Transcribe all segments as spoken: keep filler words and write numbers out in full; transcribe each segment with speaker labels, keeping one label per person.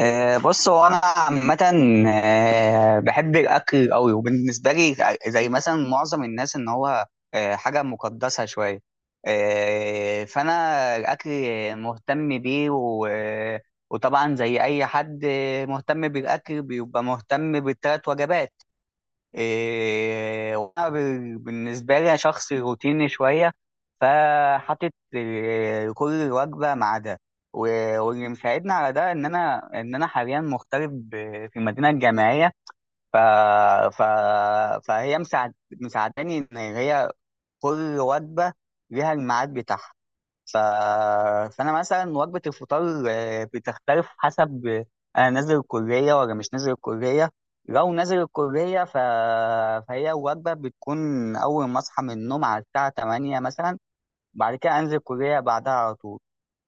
Speaker 1: آه، بص هو انا عامه آه، بحب الاكل قوي. وبالنسبه لي زي مثلا معظم الناس، ان هو آه، حاجه مقدسه شويه. آه، فانا الاكل مهتم بيه و- وطبعا زي اي حد مهتم بالاكل بيبقى مهتم بالثلاث وجبات. إيه وأنا ب- بالنسبة لي أنا شخص روتيني شوية، فحاطط إيه، كل وجبة ميعادها. و- واللي مساعدني على ده إن أنا إن أنا حاليا مغترب ب- في المدينة الجامعية. ف... ف... فهي مساعد... مساعداني إن هي كل وجبة ليها الميعاد بتاعها. ف... فانا مثلا وجبه الفطار آه، بتختلف حسب آه، انا نازل الكليه ولا مش نازل الكليه. لو نازل الكليه ف... فهي وجبه بتكون اول ما اصحى من النوم على الساعه ثمانية مثلا، بعد كده انزل الكليه بعدها على طول.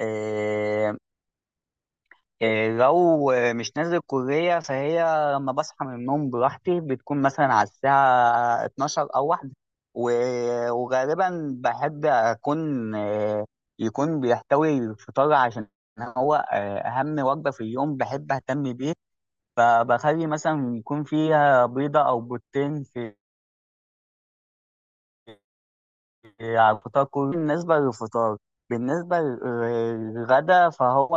Speaker 1: آه، إيه، لو مش نازل الكلية فهي لما بصحى من النوم براحتي بتكون مثلا على الساعة اتناشر أو واحدة. و- وغالبا بحب أكون آه، يكون بيحتوي الفطار، عشان هو آه، أهم وجبة في اليوم بحب أهتم بيه. فبخلي مثلا يكون فيها بيضة أو بيضتين في آه، على الفطار كله. بالنسبة للفطار، بالنسبة للغدا فهو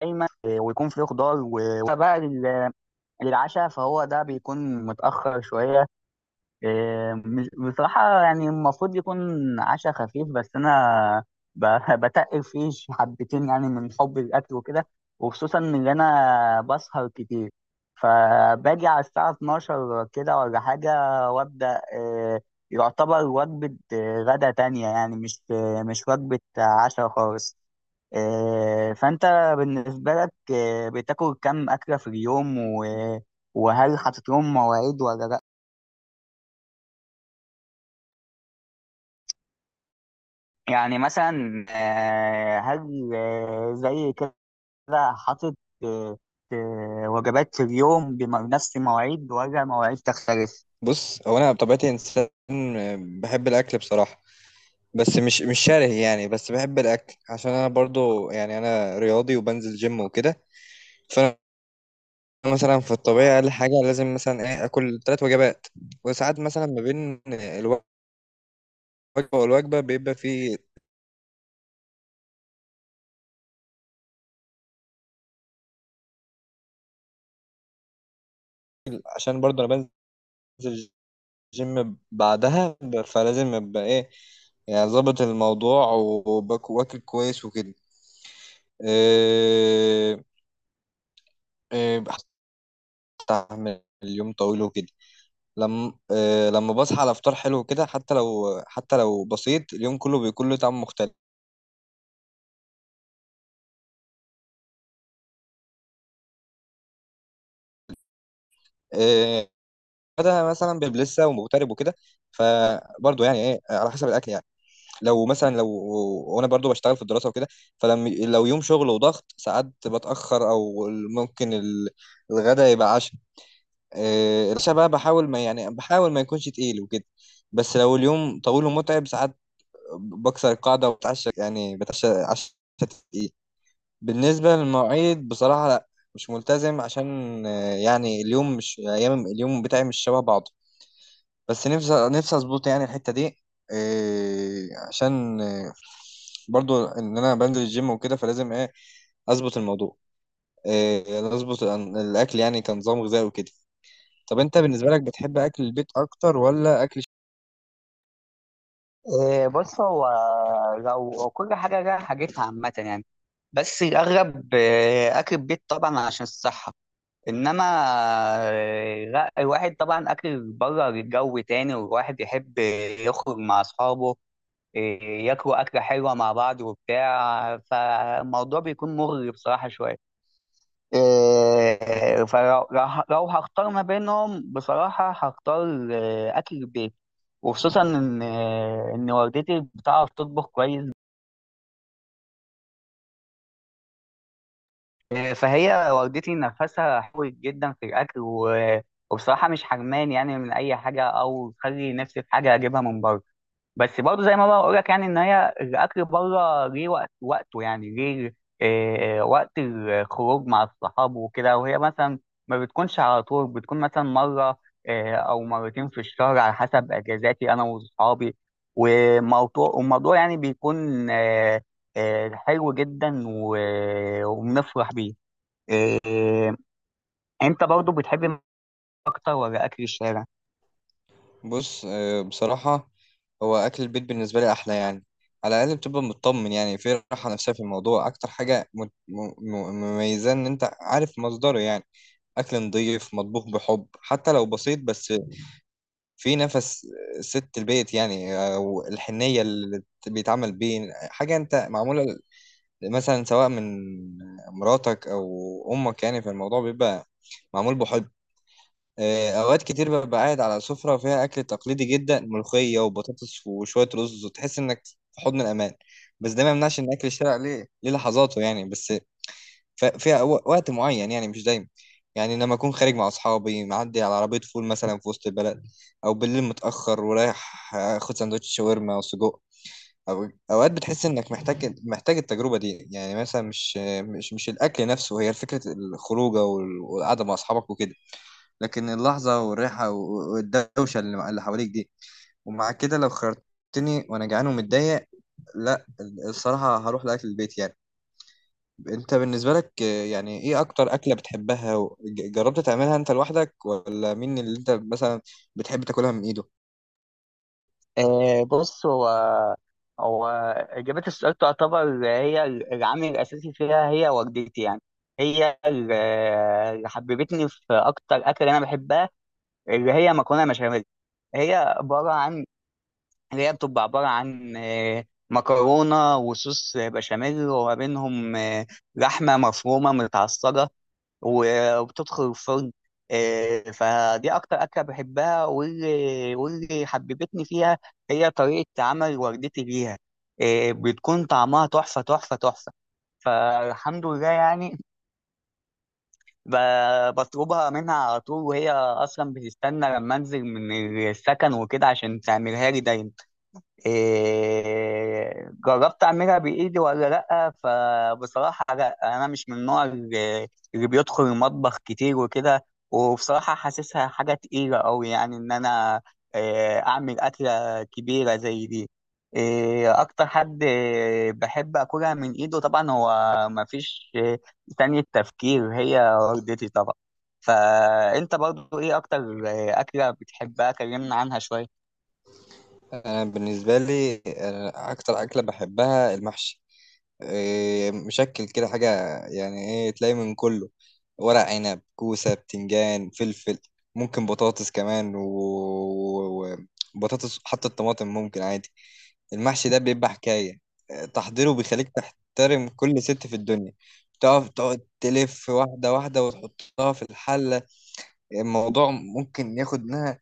Speaker 1: دايما آه، ويكون فيه خضار. و- وبقى للعشاء، فهو ده بيكون متأخر شوية. إيه، مش- بصراحة يعني المفروض يكون عشاء خفيف، بس أنا ب- بتقل فيه ش- حبتين يعني من حب الأكل وكده. وخصوصا إن أنا بسهر كتير، فباجي على الساعة اتناشر كده ولا حاجة، وأبدأ إيه، يعتبر وجبة إيه، غدا تانية، يعني مش آه، مش وجبة عشاء خالص. إيه، فأنت بالنسبة لك إيه، بتاكل كم أكلة في اليوم و- وهل حاطط لهم مواعيد ولا لأ؟ يعني مثلا آه، هل آه، زي كده حاطط آه، آه، وجبات في اليوم بنفس المواعيد ولا مواعيد تختلف؟
Speaker 2: بص هو انا بطبيعتي انسان بحب الاكل بصراحه. بس مش مش شره، يعني بس بحب الاكل عشان انا برضو يعني انا رياضي وبنزل جيم وكده. فانا مثلا في الطبيعه اقل حاجه لازم مثلا ايه اكل ثلاث وجبات. وساعات مثلا ما بين الوجبه والوجبه بيبقى في، عشان برضو انا بنزل جيم بعدها ب- فلازم ابقى ايه، يعني ظابط الموضوع وباك- واكل كويس وكده. إيه، إيه، بستحمل اليوم طويل وكده. لما آه لما بصحى على فطار حلو كده، حتى لو حتى لو بسيط، اليوم كله بيكون له طعم مختلف. آه، ده مثلا بيبقى لسه ومغترب وكده، فبرضه يعني ايه على حسب الاكل يعني. لو مثلا لو وانا برضه بشتغل في الدراسه وكده، فلما لو يوم شغل وضغط ساعات بتاخر، او ممكن ال- الغدا يبقى عشاء. آه، العشاء بقى بحاول ما يعني بحاول ما يكونش تقيل وكده. بس لو اليوم طويل ومتعب ساعات، بكسر القاعده وبتعشى، يعني بتعشى عشاء تقيل. بالنسبة للمواعيد بصراحة لا، مش ملتزم، عشان آه، يعني اليوم، مش أيام، اليوم بتاعي مش شبه بعضه. بس نفسي نفسي أظبط يعني الحتة دي. آه، عشان آه، برضو إن أنا بنزل الجيم وكده، فلازم إيه، أظبط الموضوع. آه، أظبط الأن- الأكل، يعني كنظام غذائي وكده. طب أنت بالنسبة لك بتحب أكل البيت أكتر ولا أكل.
Speaker 1: آه، بص هو لو هو كل حاجة لها حاجتها عامة يعني، بس الأغلب آه، أكل البيت طبعا عشان الصحة. إنما آه، لا، الواحد طبعا أكل بره جو تاني، والواحد يحب يخرج مع أصحابه، إيه، ياكلوا أكلة حلوة مع بعض وبتاع. فالموضوع بيكون مغري بصراحة شوية. إيه، فلو لو لو هختار ما بينهم، بصراحة هختار آه، أكل البيت. وخصوصا إن آه، إن والدتي بتعرف تطبخ كويس. آه، فهي والدتي نفسها حلوة جدا في الأكل. و- وبصراحة مش حرمان يعني من أي حاجة، أو تخلي نفسي في حاجة أجيبها من بره. بس برضه زي ما بقول لك، يعني ان هي الاكل بره ليه وقت وقته، يعني ليه آه، آه، وقت الخروج مع الصحاب وكده. وهي مثلا ما بتكونش على طول، بتكون مثلا مره آه، او مرتين في الشهر، على حسب اجازاتي انا واصحابي. وموضوع والموضوع يعني بيكون آه، آه، حلو جدا. و- وبنفرح بيه. آه، آه، انت برضه بتحب اكتر ولا اكل الشارع؟
Speaker 2: بص، آه، بصراحة، هو أكل البيت بالنسبة لي أحلى يعني. على الأقل بتبقى مطمن، يعني في راحة نفسية في الموضوع. أكتر حاجة م- م- م- مميزة إن أنت عارف مصدره يعني. أكل نضيف مطبوخ بحب، حتى لو بسيط، بس في نفس ست البيت يعني، أو الحنية اللي بيتعمل بيه. حاجة أنت معمولة مثلا سواء من مراتك أو أمك، يعني فالموضوع بيبقى معمول بحب. آه، اوقات كتير ببقى قاعد على سفرة فيها اكل تقليدي جدا، ملوخية وبطاطس وشوية رز، وتحس انك في حضن الامان. بس ده ما يمنعش ان اكل الشارع ليه ليه لحظاته يعني، بس ف- فيها و- وقت معين يعني، مش دايما. يعني لما اكون خارج مع اصحابي، معدي على عربية فول مثلا في وسط البلد، او بالليل متأخر ورايح اخد سندوتش شاورما وسجق. أو أوقات بتحس إنك محتاج محتاج التجربة دي، يعني مثلا مش مش مش الأكل نفسه، هي فكرة الخروجة وال- والقعدة مع أصحابك وكده. لكن اللحظة والريحة و- والدوشة اللي اللي حواليك دي. ومع كده لو خيرتني وأنا جعان ومتضايق، لا، الصراحة هروح لأكل البيت يعني. أنت بالنسبة لك، آه، يعني إيه أكتر أكلة بتحبها و- ج- جربت تعملها أنت لوحدك، ولا مين اللي أنت مثلا بتحب تاكلها من إيده؟
Speaker 1: آه، بص هو هو إجابة السؤال تعتبر هي العامل الأساسي فيها، هي والدتي يعني. هي ال- اللي حببتني في أكتر أكل أنا بحبها، اللي هي مكرونة بشاميل. هي عبارة عن اللي هي بتبقى عبارة عن آه، مكرونة وصوص بشاميل، وما بينهم آه، لحمة مفرومة متعصجة. و- وبتدخل الفرن. آه، فدي اكتر اكله بحبها، واللي واللي حببتني فيها هي طريقه عمل والدتي ليها. آه، بتكون طعمها تحفه تحفه تحفه، فالحمد لله يعني. ب- بطلبها منها على طول، وهي اصلا بتستنى لما انزل من السكن وكده عشان تعملها لي دايما. إيه، جربت اعملها بايدي ولا لا؟ فبصراحه لا، انا مش من النوع اللي اللي بيدخل المطبخ كتير وكده. وبصراحه حاسسها حاجه تقيله قوي، يعني ان انا إيه، اعمل اكله كبيره زي دي. إيه، اكتر حد إيه، بحب اكلها من ايده طبعا هو، مفيش إيه، تاني التفكير، هي والدتي طبعا. فانت برضو ايه اكتر إيه، اكله بتحبها؟ كلمنا عنها شويه.
Speaker 2: أنا بالنسبة لي، أنا أكتر أكلة بحبها المحشي. إيه، مشكل كده حاجة يعني، إيه، تلاقي من كله، ورق عنب كوسة بتنجان فلفل، ممكن بطاطس كمان، وبطاطس حتى الطماطم ممكن عادي. المحشي ده بيبقى حكاية. إيه، تحضيره بيخليك تحترم كل ست في الدنيا. تقف تقعد تلف واحدة واحدة وتحطها في الحلة. الموضوع ممكن ياخد منها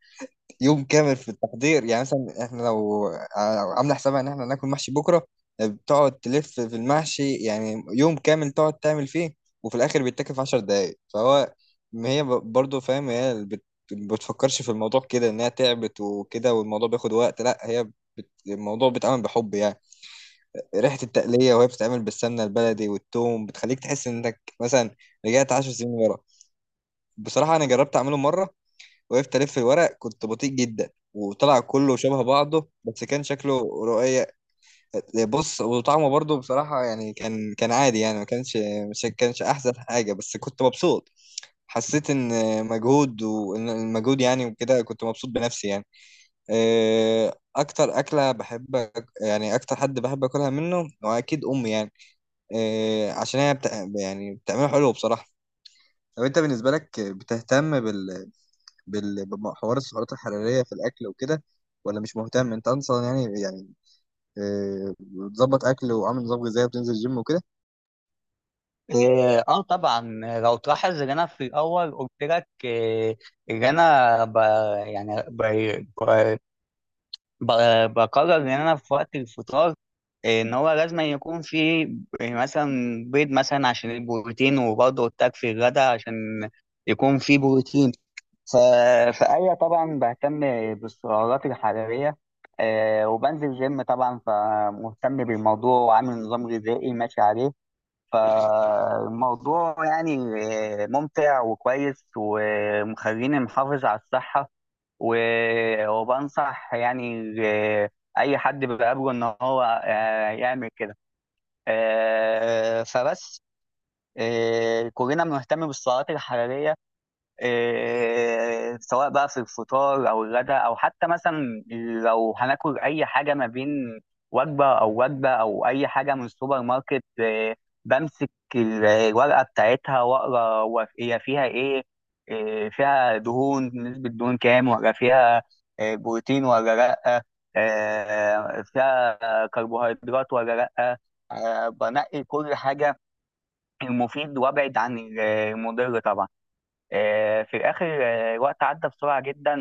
Speaker 2: يوم كامل في التحضير، يعني مثلا احنا لو ع- عامله حسابها ان احنا ناكل محشي بكره، بتقعد تلف في المحشي، يعني يوم كامل تقعد تعمل فيه. وفي الاخر بيتاكل في عشر دقايق، فهو، ما هي ب- برضه فاهم. هي بت- بتفكرش في الموضوع كده، انها تعبت وكده، والموضوع بياخد وقت، لا، هي بت... الموضوع بيتعمل بحب يعني. ريحه التقليه وهي بتتعمل بالسمنه البلدي والثوم، بتخليك تحس انك مثلا رجعت عشر سنين ورا. بصراحه انا جربت اعمله مره، وقفت الف الورق، كنت بطيء جدا، وطلع كله شبه بعضه، بس كان شكله رؤية. بص، وطعمه برضه بصراحة يعني كان كان عادي يعني، ما كانش مش كانش أحسن حاجة، بس كنت مبسوط. حسيت إن مجهود، وإن المجهود يعني وكده، كنت مبسوط بنفسي يعني. آه، أكتر أكلة بحب أك- يعني أكتر حد بحب أكلها منه، وأكيد أمي يعني. آه، عشان هي بتع- يعني بتعمله حلو بصراحة. طب أنت بالنسبة لك بتهتم بال بال- بحوار السعرات الحرارية في الأكل وكده، ولا مش مهتم أنت أصلا يعني؟ يعني آه، بتظبط أكل وعامل نظام غذائي وبتنزل جيم وكده.
Speaker 1: إيه، اه طبعا. لو تلاحظ ان انا في الاول قلت لك إيه، ان انا ب يعني ب ب- ب- بقرر ان انا في وقت الفطار إيه، ان هو لازم يكون في إيه، مثلا بيض، مثلا عشان البروتين. وبرضه قلت لك في الغداء عشان يكون في بروتين. ف... فأيوة طبعا بهتم بالسعرات الحرارية. آه، وبنزل جيم طبعا، فمهتم بالموضوع وعامل نظام غذائي ماشي عليه. فالموضوع يعني ممتع وكويس، ومخليني محافظ على الصحة. و- وبنصح يعني أي حد بقابله إن هو آه، يعمل كده. آه، فبس آه، كلنا بنهتم بالسعرات الحرارية. إيه، سواء بقى في الفطار او الغداء، او حتى مثلا لو هناكل اي حاجه ما بين وجبه او وجبه، او اي حاجه من السوبر ماركت، إيه، بمسك ال- الورقه بتاعتها واقرا هو هي فيها ايه. إيه، فيها دهون، نسبه دهون كام، ولا فيها إيه، بروتين ولا لا، إيه، فيها كربوهيدرات ولا لا. آه، بنقي كل حاجه، المفيد، وابعد عن المضر طبعا. آه، في الآخر آه، الوقت عدى بسرعة جدا،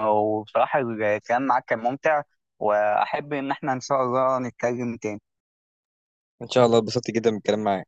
Speaker 1: وبصراحة الكلام معاك كان ممتع، وأحب إن احنا إن شاء الله نتكلم تاني.
Speaker 2: ان شاء الله، اتبسطت جدا بالكلام معاك.